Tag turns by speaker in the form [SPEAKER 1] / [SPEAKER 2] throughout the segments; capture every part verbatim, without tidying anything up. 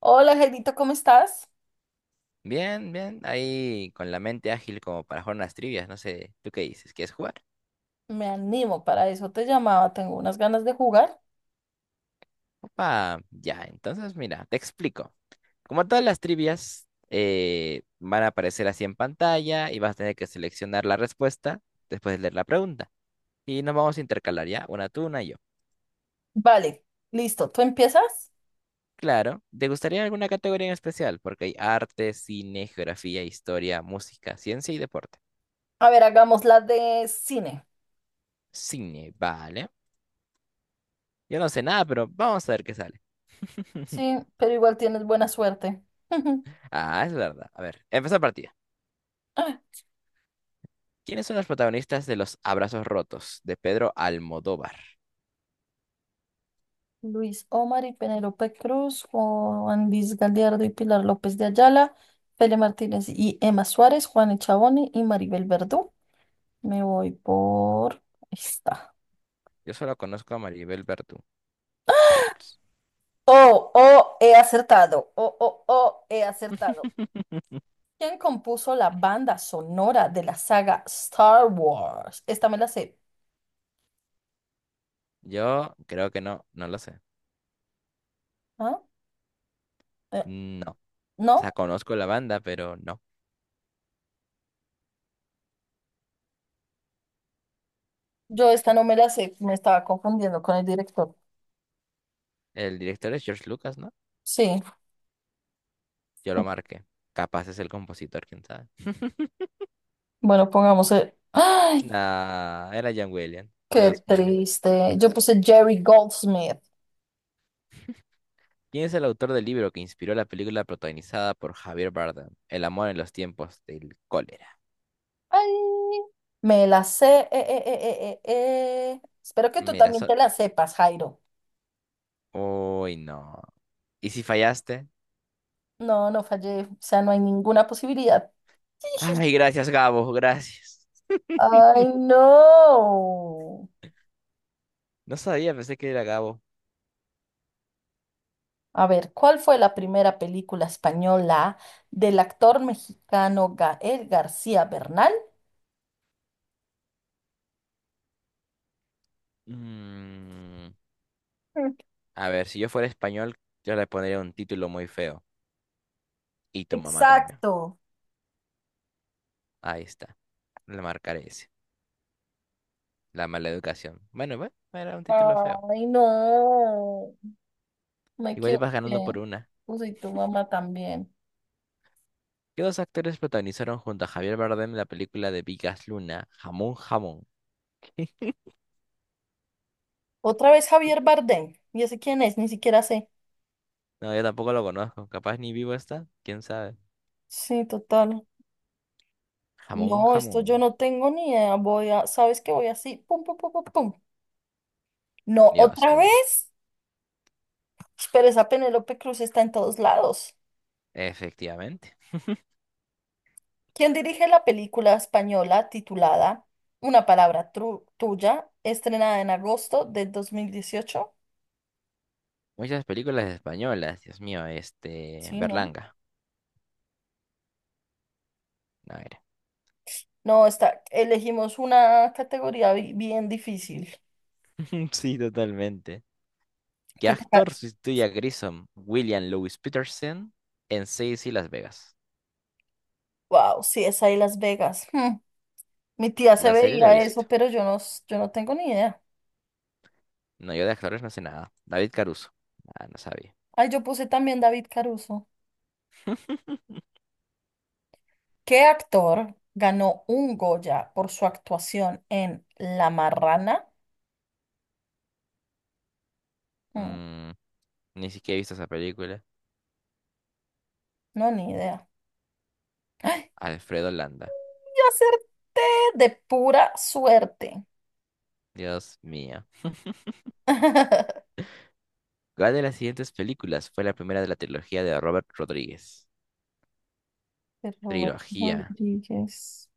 [SPEAKER 1] Hola, Jairito, ¿cómo estás?
[SPEAKER 2] Bien, bien, ahí con la mente ágil como para jugar unas trivias, no sé, ¿tú qué dices? ¿Quieres jugar?
[SPEAKER 1] Me animo, para eso te llamaba, tengo unas ganas de jugar.
[SPEAKER 2] Opa, ya, entonces mira, te explico. Como todas las trivias eh, van a aparecer así en pantalla y vas a tener que seleccionar la respuesta después de leer la pregunta. Y nos vamos a intercalar ya, una tú, una yo.
[SPEAKER 1] Vale, listo, ¿tú empiezas?
[SPEAKER 2] Claro, ¿te gustaría alguna categoría en especial? Porque hay arte, cine, geografía, historia, música, ciencia y deporte.
[SPEAKER 1] A ver, hagamos la de cine.
[SPEAKER 2] Cine, vale. Yo no sé nada, pero vamos a ver qué sale.
[SPEAKER 1] Sí, pero igual tienes buena suerte.
[SPEAKER 2] Ah, es verdad. A ver, empezar partida. ¿Quiénes son los protagonistas de Los Abrazos Rotos de Pedro Almodóvar?
[SPEAKER 1] Luis Omar y Penélope Cruz, Juan Luis Gallardo y Pilar López de Ayala, Fele Martínez y Emma Suárez, Juan Echaboni y Maribel Verdú. Me voy por esta.
[SPEAKER 2] Yo solo conozco a Maribel Verdú. Diablos.
[SPEAKER 1] Oh, oh, he acertado. Oh, oh, oh, he acertado. ¿Quién compuso la banda sonora de la saga Star Wars? Esta me la sé.
[SPEAKER 2] Yo creo que no, no lo sé.
[SPEAKER 1] ¿Ah? Eh,
[SPEAKER 2] No. O sea,
[SPEAKER 1] ¿No?
[SPEAKER 2] conozco la banda, pero no.
[SPEAKER 1] Yo esta no me la sé. Me estaba confundiendo con el director.
[SPEAKER 2] El director es George Lucas, ¿no?
[SPEAKER 1] Sí.
[SPEAKER 2] Yo lo marqué. Capaz es el compositor, quién sabe.
[SPEAKER 1] Bueno, pongamos el. ¡Ay!
[SPEAKER 2] Nah, era John Williams.
[SPEAKER 1] ¡Qué
[SPEAKER 2] Dios mío.
[SPEAKER 1] triste! Yo puse Jerry Goldsmith.
[SPEAKER 2] ¿Quién es el autor del libro que inspiró la película protagonizada por Javier Bardem? El amor en los tiempos del cólera.
[SPEAKER 1] ¡Ay! Me la sé. eh, eh, eh, eh, eh, eh. Espero que tú
[SPEAKER 2] Mira,
[SPEAKER 1] también
[SPEAKER 2] so...
[SPEAKER 1] te la sepas, Jairo.
[SPEAKER 2] Uy, no. ¿Y si fallaste?
[SPEAKER 1] No, no fallé. O sea, no hay ninguna posibilidad.
[SPEAKER 2] Ay, gracias, Gabo, gracias.
[SPEAKER 1] ¡Ay, no!
[SPEAKER 2] No sabía, pensé que era Gabo.
[SPEAKER 1] A ver, ¿cuál fue la primera película española del actor mexicano Gael García Bernal?
[SPEAKER 2] Mm,
[SPEAKER 1] Mm.
[SPEAKER 2] a ver, si yo fuera español, yo le pondría un título muy feo. Y tu mamá también.
[SPEAKER 1] Exacto.
[SPEAKER 2] Ahí está. Le marcaré ese. La mala educación. Bueno, bueno, era un título feo.
[SPEAKER 1] Ay, no, me
[SPEAKER 2] Igual ibas ganando
[SPEAKER 1] equivoqué.
[SPEAKER 2] por una.
[SPEAKER 1] Uy, y tu mamá también.
[SPEAKER 2] ¿Qué dos actores protagonizaron junto a Javier Bardem la película de Vigas Luna, Jamón Jamón?
[SPEAKER 1] Otra vez Javier Bardem. ¿Y ese quién es? Ni siquiera sé.
[SPEAKER 2] No, yo tampoco lo conozco. Capaz ni vivo está. ¿Quién sabe?
[SPEAKER 1] Sí, total.
[SPEAKER 2] Jamón
[SPEAKER 1] No, esto
[SPEAKER 2] Jamón.
[SPEAKER 1] yo no tengo ni idea. Voy a, ¿sabes qué? Voy así. Pum, pum, pum, pum, pum. No,
[SPEAKER 2] Dios
[SPEAKER 1] otra
[SPEAKER 2] mío.
[SPEAKER 1] vez. Pero esa Penélope Cruz está en todos lados.
[SPEAKER 2] Efectivamente.
[SPEAKER 1] ¿Quien dirige la película española titulada una palabra tru- tuya, estrenada en agosto del dos mil dieciocho?
[SPEAKER 2] Muchas películas españolas, Dios mío, este,
[SPEAKER 1] Sí, ¿no?
[SPEAKER 2] Berlanga. A ver.
[SPEAKER 1] No, está, elegimos una categoría bi- bien difícil.
[SPEAKER 2] Sí, totalmente. ¿Qué
[SPEAKER 1] Te toca-
[SPEAKER 2] actor sustituye a Grissom? William Lewis Peterson en Seis y Las Vegas.
[SPEAKER 1] Wow, sí, es ahí Las Vegas. Hmm. Mi tía se
[SPEAKER 2] La serie la he
[SPEAKER 1] veía
[SPEAKER 2] visto.
[SPEAKER 1] eso, pero yo no, s- yo no tengo ni idea.
[SPEAKER 2] No, yo de actores no sé nada. David Caruso. Ah, no sabía.
[SPEAKER 1] Ay, yo puse también David Caruso. ¿Qué actor ganó un Goya por su actuación en La Marrana? Hmm,
[SPEAKER 2] Mm, Ni siquiera he visto esa película.
[SPEAKER 1] no, ni idea.
[SPEAKER 2] Alfredo Landa.
[SPEAKER 1] Yo acerté de pura suerte.
[SPEAKER 2] Dios mío. ¿Cuál de las siguientes películas fue la primera de la trilogía de Robert Rodríguez?
[SPEAKER 1] De Roberto
[SPEAKER 2] Trilogía.
[SPEAKER 1] Rodríguez.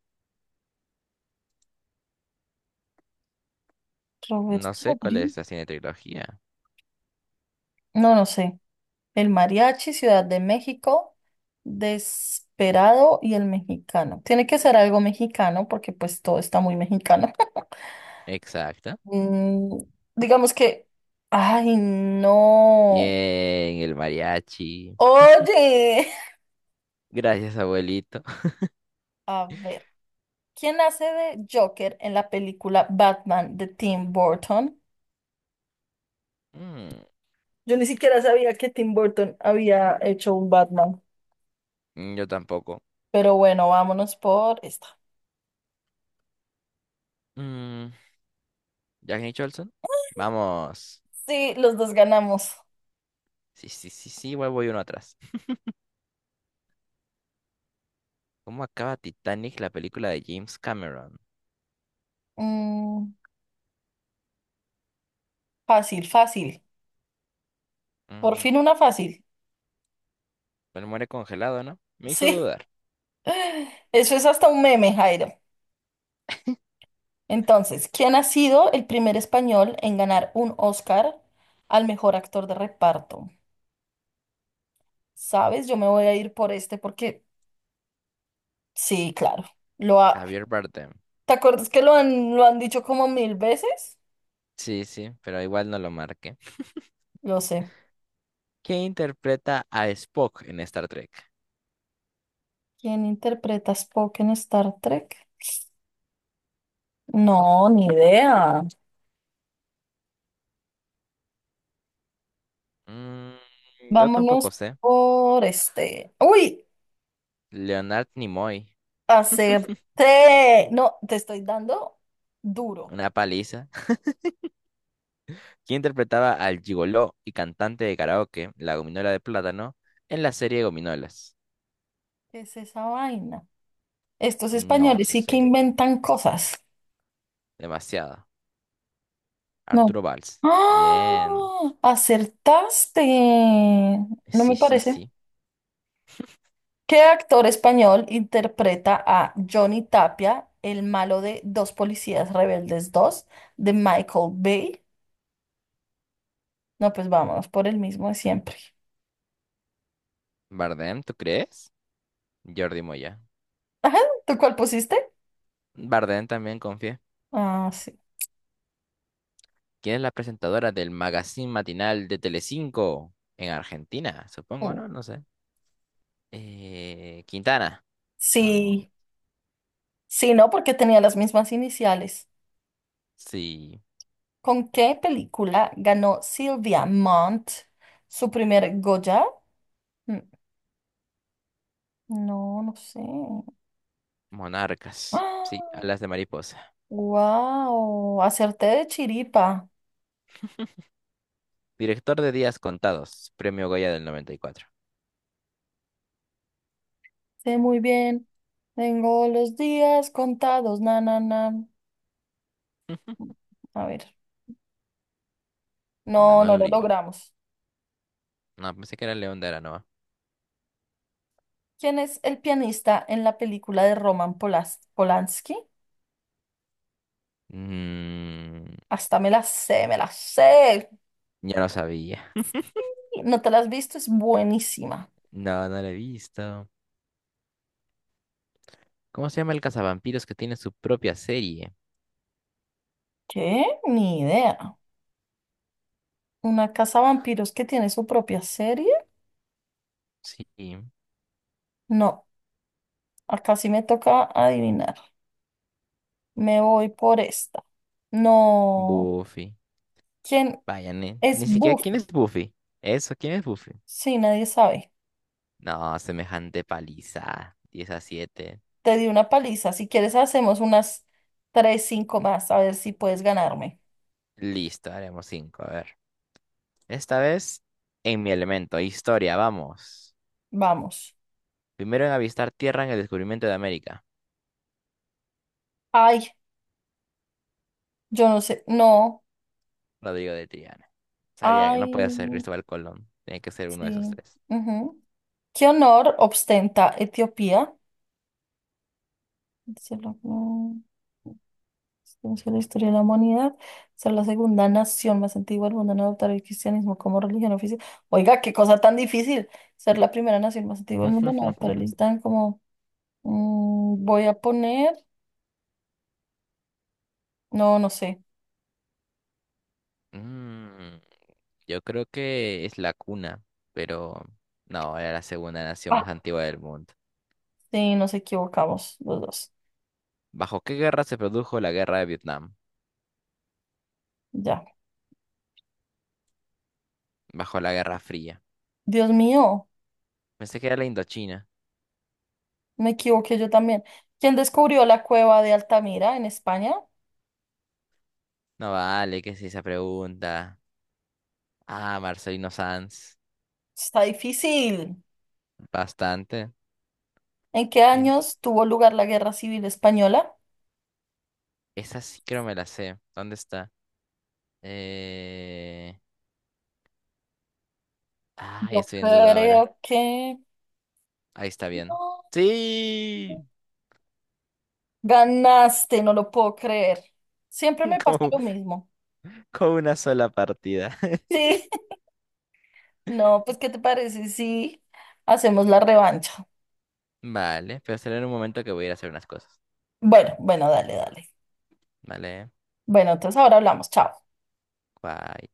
[SPEAKER 1] Roberto
[SPEAKER 2] No sé cuál
[SPEAKER 1] Rodríguez.
[SPEAKER 2] es la cine trilogía.
[SPEAKER 1] No, no sé. El mariachi, Ciudad de México, Desperado y el mexicano. Tiene que ser algo mexicano porque pues todo está muy mexicano.
[SPEAKER 2] Exacto.
[SPEAKER 1] Mm, digamos que. Ay, no.
[SPEAKER 2] Bien, el mariachi.
[SPEAKER 1] Oye.
[SPEAKER 2] Gracias, abuelito.
[SPEAKER 1] A ver. ¿Quién hace de Joker en la película Batman de Tim Burton?
[SPEAKER 2] Mm,
[SPEAKER 1] Yo ni siquiera sabía que Tim Burton había hecho un Batman.
[SPEAKER 2] yo tampoco.
[SPEAKER 1] Pero bueno, vámonos por esta.
[SPEAKER 2] Mm, Jack Nicholson. Vamos.
[SPEAKER 1] Sí, los dos ganamos.
[SPEAKER 2] Sí, sí, sí, sí, voy, voy uno atrás. ¿Cómo acaba Titanic, la película de James Cameron?
[SPEAKER 1] Mm, fácil, fácil. Por
[SPEAKER 2] Mm,
[SPEAKER 1] fin una fácil.
[SPEAKER 2] Él muere congelado, ¿no? Me hizo
[SPEAKER 1] Sí.
[SPEAKER 2] dudar.
[SPEAKER 1] Eso es hasta un meme, Jairo. Entonces, ¿quién ha sido el primer español en ganar un Oscar al mejor actor de reparto? ¿Sabes? Yo me voy a ir por este porque sí, claro. Lo ha-
[SPEAKER 2] Javier Bardem.
[SPEAKER 1] ¿Te acuerdas que lo han, lo han dicho como mil veces?
[SPEAKER 2] Sí, sí, pero igual no lo marqué.
[SPEAKER 1] Lo sé.
[SPEAKER 2] ¿Quién interpreta a Spock en Star Trek?
[SPEAKER 1] ¿Quién interpreta a Spock en Star Trek? No, ni idea.
[SPEAKER 2] Mm, yo tampoco
[SPEAKER 1] Vámonos
[SPEAKER 2] sé.
[SPEAKER 1] por este. ¡Uy!
[SPEAKER 2] Leonard Nimoy.
[SPEAKER 1] Acerté. No, te estoy dando duro.
[SPEAKER 2] Una paliza. Quien interpretaba al gigoló y cantante de karaoke, la gominola de plátano, en la serie Gominolas.
[SPEAKER 1] ¿Qué es esa vaina? Estos
[SPEAKER 2] No
[SPEAKER 1] españoles sí que
[SPEAKER 2] sé,
[SPEAKER 1] inventan cosas.
[SPEAKER 2] demasiado.
[SPEAKER 1] No.
[SPEAKER 2] Arturo Valls. Bien.
[SPEAKER 1] ¡Ah! ¡Acertaste! No
[SPEAKER 2] Sí,
[SPEAKER 1] me
[SPEAKER 2] sí,
[SPEAKER 1] parece.
[SPEAKER 2] sí.
[SPEAKER 1] ¿Qué actor español interpreta a Johnny Tapia, el malo de Dos Policías Rebeldes dos, de Michael Bay? No, pues vámonos por el mismo de siempre.
[SPEAKER 2] Bardem, ¿tú crees? Jordi Moya.
[SPEAKER 1] Ajá, ¿tú cuál pusiste?
[SPEAKER 2] Bardem también confía.
[SPEAKER 1] Ah, sí.
[SPEAKER 2] ¿Quién es la presentadora del magazine matinal de Telecinco? En Argentina, supongo,
[SPEAKER 1] Uh.
[SPEAKER 2] ¿no? No sé. Eh, Quintana. Vamos.
[SPEAKER 1] Sí, sí, no, porque tenía las mismas iniciales.
[SPEAKER 2] Sí.
[SPEAKER 1] ¿Con qué película ganó Silvia Mont su primer Goya? Mm, no, no sé.
[SPEAKER 2] Monarcas. Sí, alas de mariposa.
[SPEAKER 1] Wow, acerté de chiripa.
[SPEAKER 2] Director de Días Contados, Premio Goya del noventa y cuatro.
[SPEAKER 1] Sé muy bien. Tengo los días contados, na, na, na. A ver, no, no
[SPEAKER 2] Manuel
[SPEAKER 1] lo
[SPEAKER 2] Uribe.
[SPEAKER 1] logramos.
[SPEAKER 2] No, pensé que era León de Aranoa.
[SPEAKER 1] ¿Quién es el pianista en la película de Roman Polas- Polanski?
[SPEAKER 2] Mm,
[SPEAKER 1] Hasta me la sé, me la sé.
[SPEAKER 2] ya lo sabía.
[SPEAKER 1] ¿No te la has visto? Es buenísima.
[SPEAKER 2] No, no lo he visto. ¿Cómo se llama el cazavampiros que tiene su propia serie?
[SPEAKER 1] ¿Qué? Ni idea. ¿Una casa vampiros que tiene su propia serie?
[SPEAKER 2] Sí,
[SPEAKER 1] No, acá sí me toca adivinar. Me voy por esta. No.
[SPEAKER 2] Buffy.
[SPEAKER 1] ¿Quién
[SPEAKER 2] Vaya, ni,
[SPEAKER 1] es
[SPEAKER 2] ni siquiera quién
[SPEAKER 1] Buffy?
[SPEAKER 2] es Buffy. Eso, ¿quién es Buffy?
[SPEAKER 1] Sí, nadie sabe.
[SPEAKER 2] No, semejante paliza. Diez a siete.
[SPEAKER 1] Te di una paliza. Si quieres, hacemos unas tres, cinco más. A ver si puedes ganarme.
[SPEAKER 2] Listo, haremos cinco. A ver. Esta vez en mi elemento, historia, vamos.
[SPEAKER 1] Vamos.
[SPEAKER 2] Primero en avistar tierra en el descubrimiento de América.
[SPEAKER 1] Ay, yo no sé. No.
[SPEAKER 2] Rodrigo de Triana. Sabía que
[SPEAKER 1] Ay,
[SPEAKER 2] no podía ser Cristóbal Colón. Tenía que ser uno de esos
[SPEAKER 1] sí.
[SPEAKER 2] tres.
[SPEAKER 1] Ujú. ¿Qué honor ostenta Etiopía? Se lo- mm, Inició la historia de la humanidad. Ser la segunda nación más antigua del mundo en adoptar el cristianismo como religión oficial. Oiga, qué cosa tan difícil. Ser la primera nación más antigua del mundo en adoptar el Islam como. Mm, voy a poner. No, no sé.
[SPEAKER 2] Mm, yo creo que es la cuna, pero no, era la segunda nación
[SPEAKER 1] Ah,
[SPEAKER 2] más antigua del mundo.
[SPEAKER 1] sí, nos equivocamos los dos.
[SPEAKER 2] ¿Bajo qué guerra se produjo la guerra de Vietnam?
[SPEAKER 1] Ya.
[SPEAKER 2] Bajo la Guerra Fría.
[SPEAKER 1] Dios mío,
[SPEAKER 2] Pensé que era la Indochina.
[SPEAKER 1] me equivoqué yo también. ¿Quién descubrió la cueva de Altamira en España?
[SPEAKER 2] No vale, que es esa pregunta? Ah, Marcelino Sanz.
[SPEAKER 1] Está difícil.
[SPEAKER 2] Bastante.
[SPEAKER 1] ¿En qué
[SPEAKER 2] Ent-
[SPEAKER 1] años tuvo lugar la Guerra Civil Española?
[SPEAKER 2] Esa sí creo me la sé. ¿Dónde está? Eh... Ah,
[SPEAKER 1] Yo
[SPEAKER 2] estoy en duda ahora.
[SPEAKER 1] creo que
[SPEAKER 2] Ahí está bien.
[SPEAKER 1] no.
[SPEAKER 2] Sí,
[SPEAKER 1] Ganaste, no lo puedo creer. Siempre me pasa
[SPEAKER 2] como
[SPEAKER 1] lo mismo.
[SPEAKER 2] con una sola partida.
[SPEAKER 1] Sí. No, pues, ¿qué te parece si hacemos la revancha?
[SPEAKER 2] Vale, pero será en un momento que voy a ir a hacer unas cosas.
[SPEAKER 1] Bueno, bueno, dale, dale.
[SPEAKER 2] Vale,
[SPEAKER 1] Bueno, entonces ahora hablamos. Chao.
[SPEAKER 2] bye.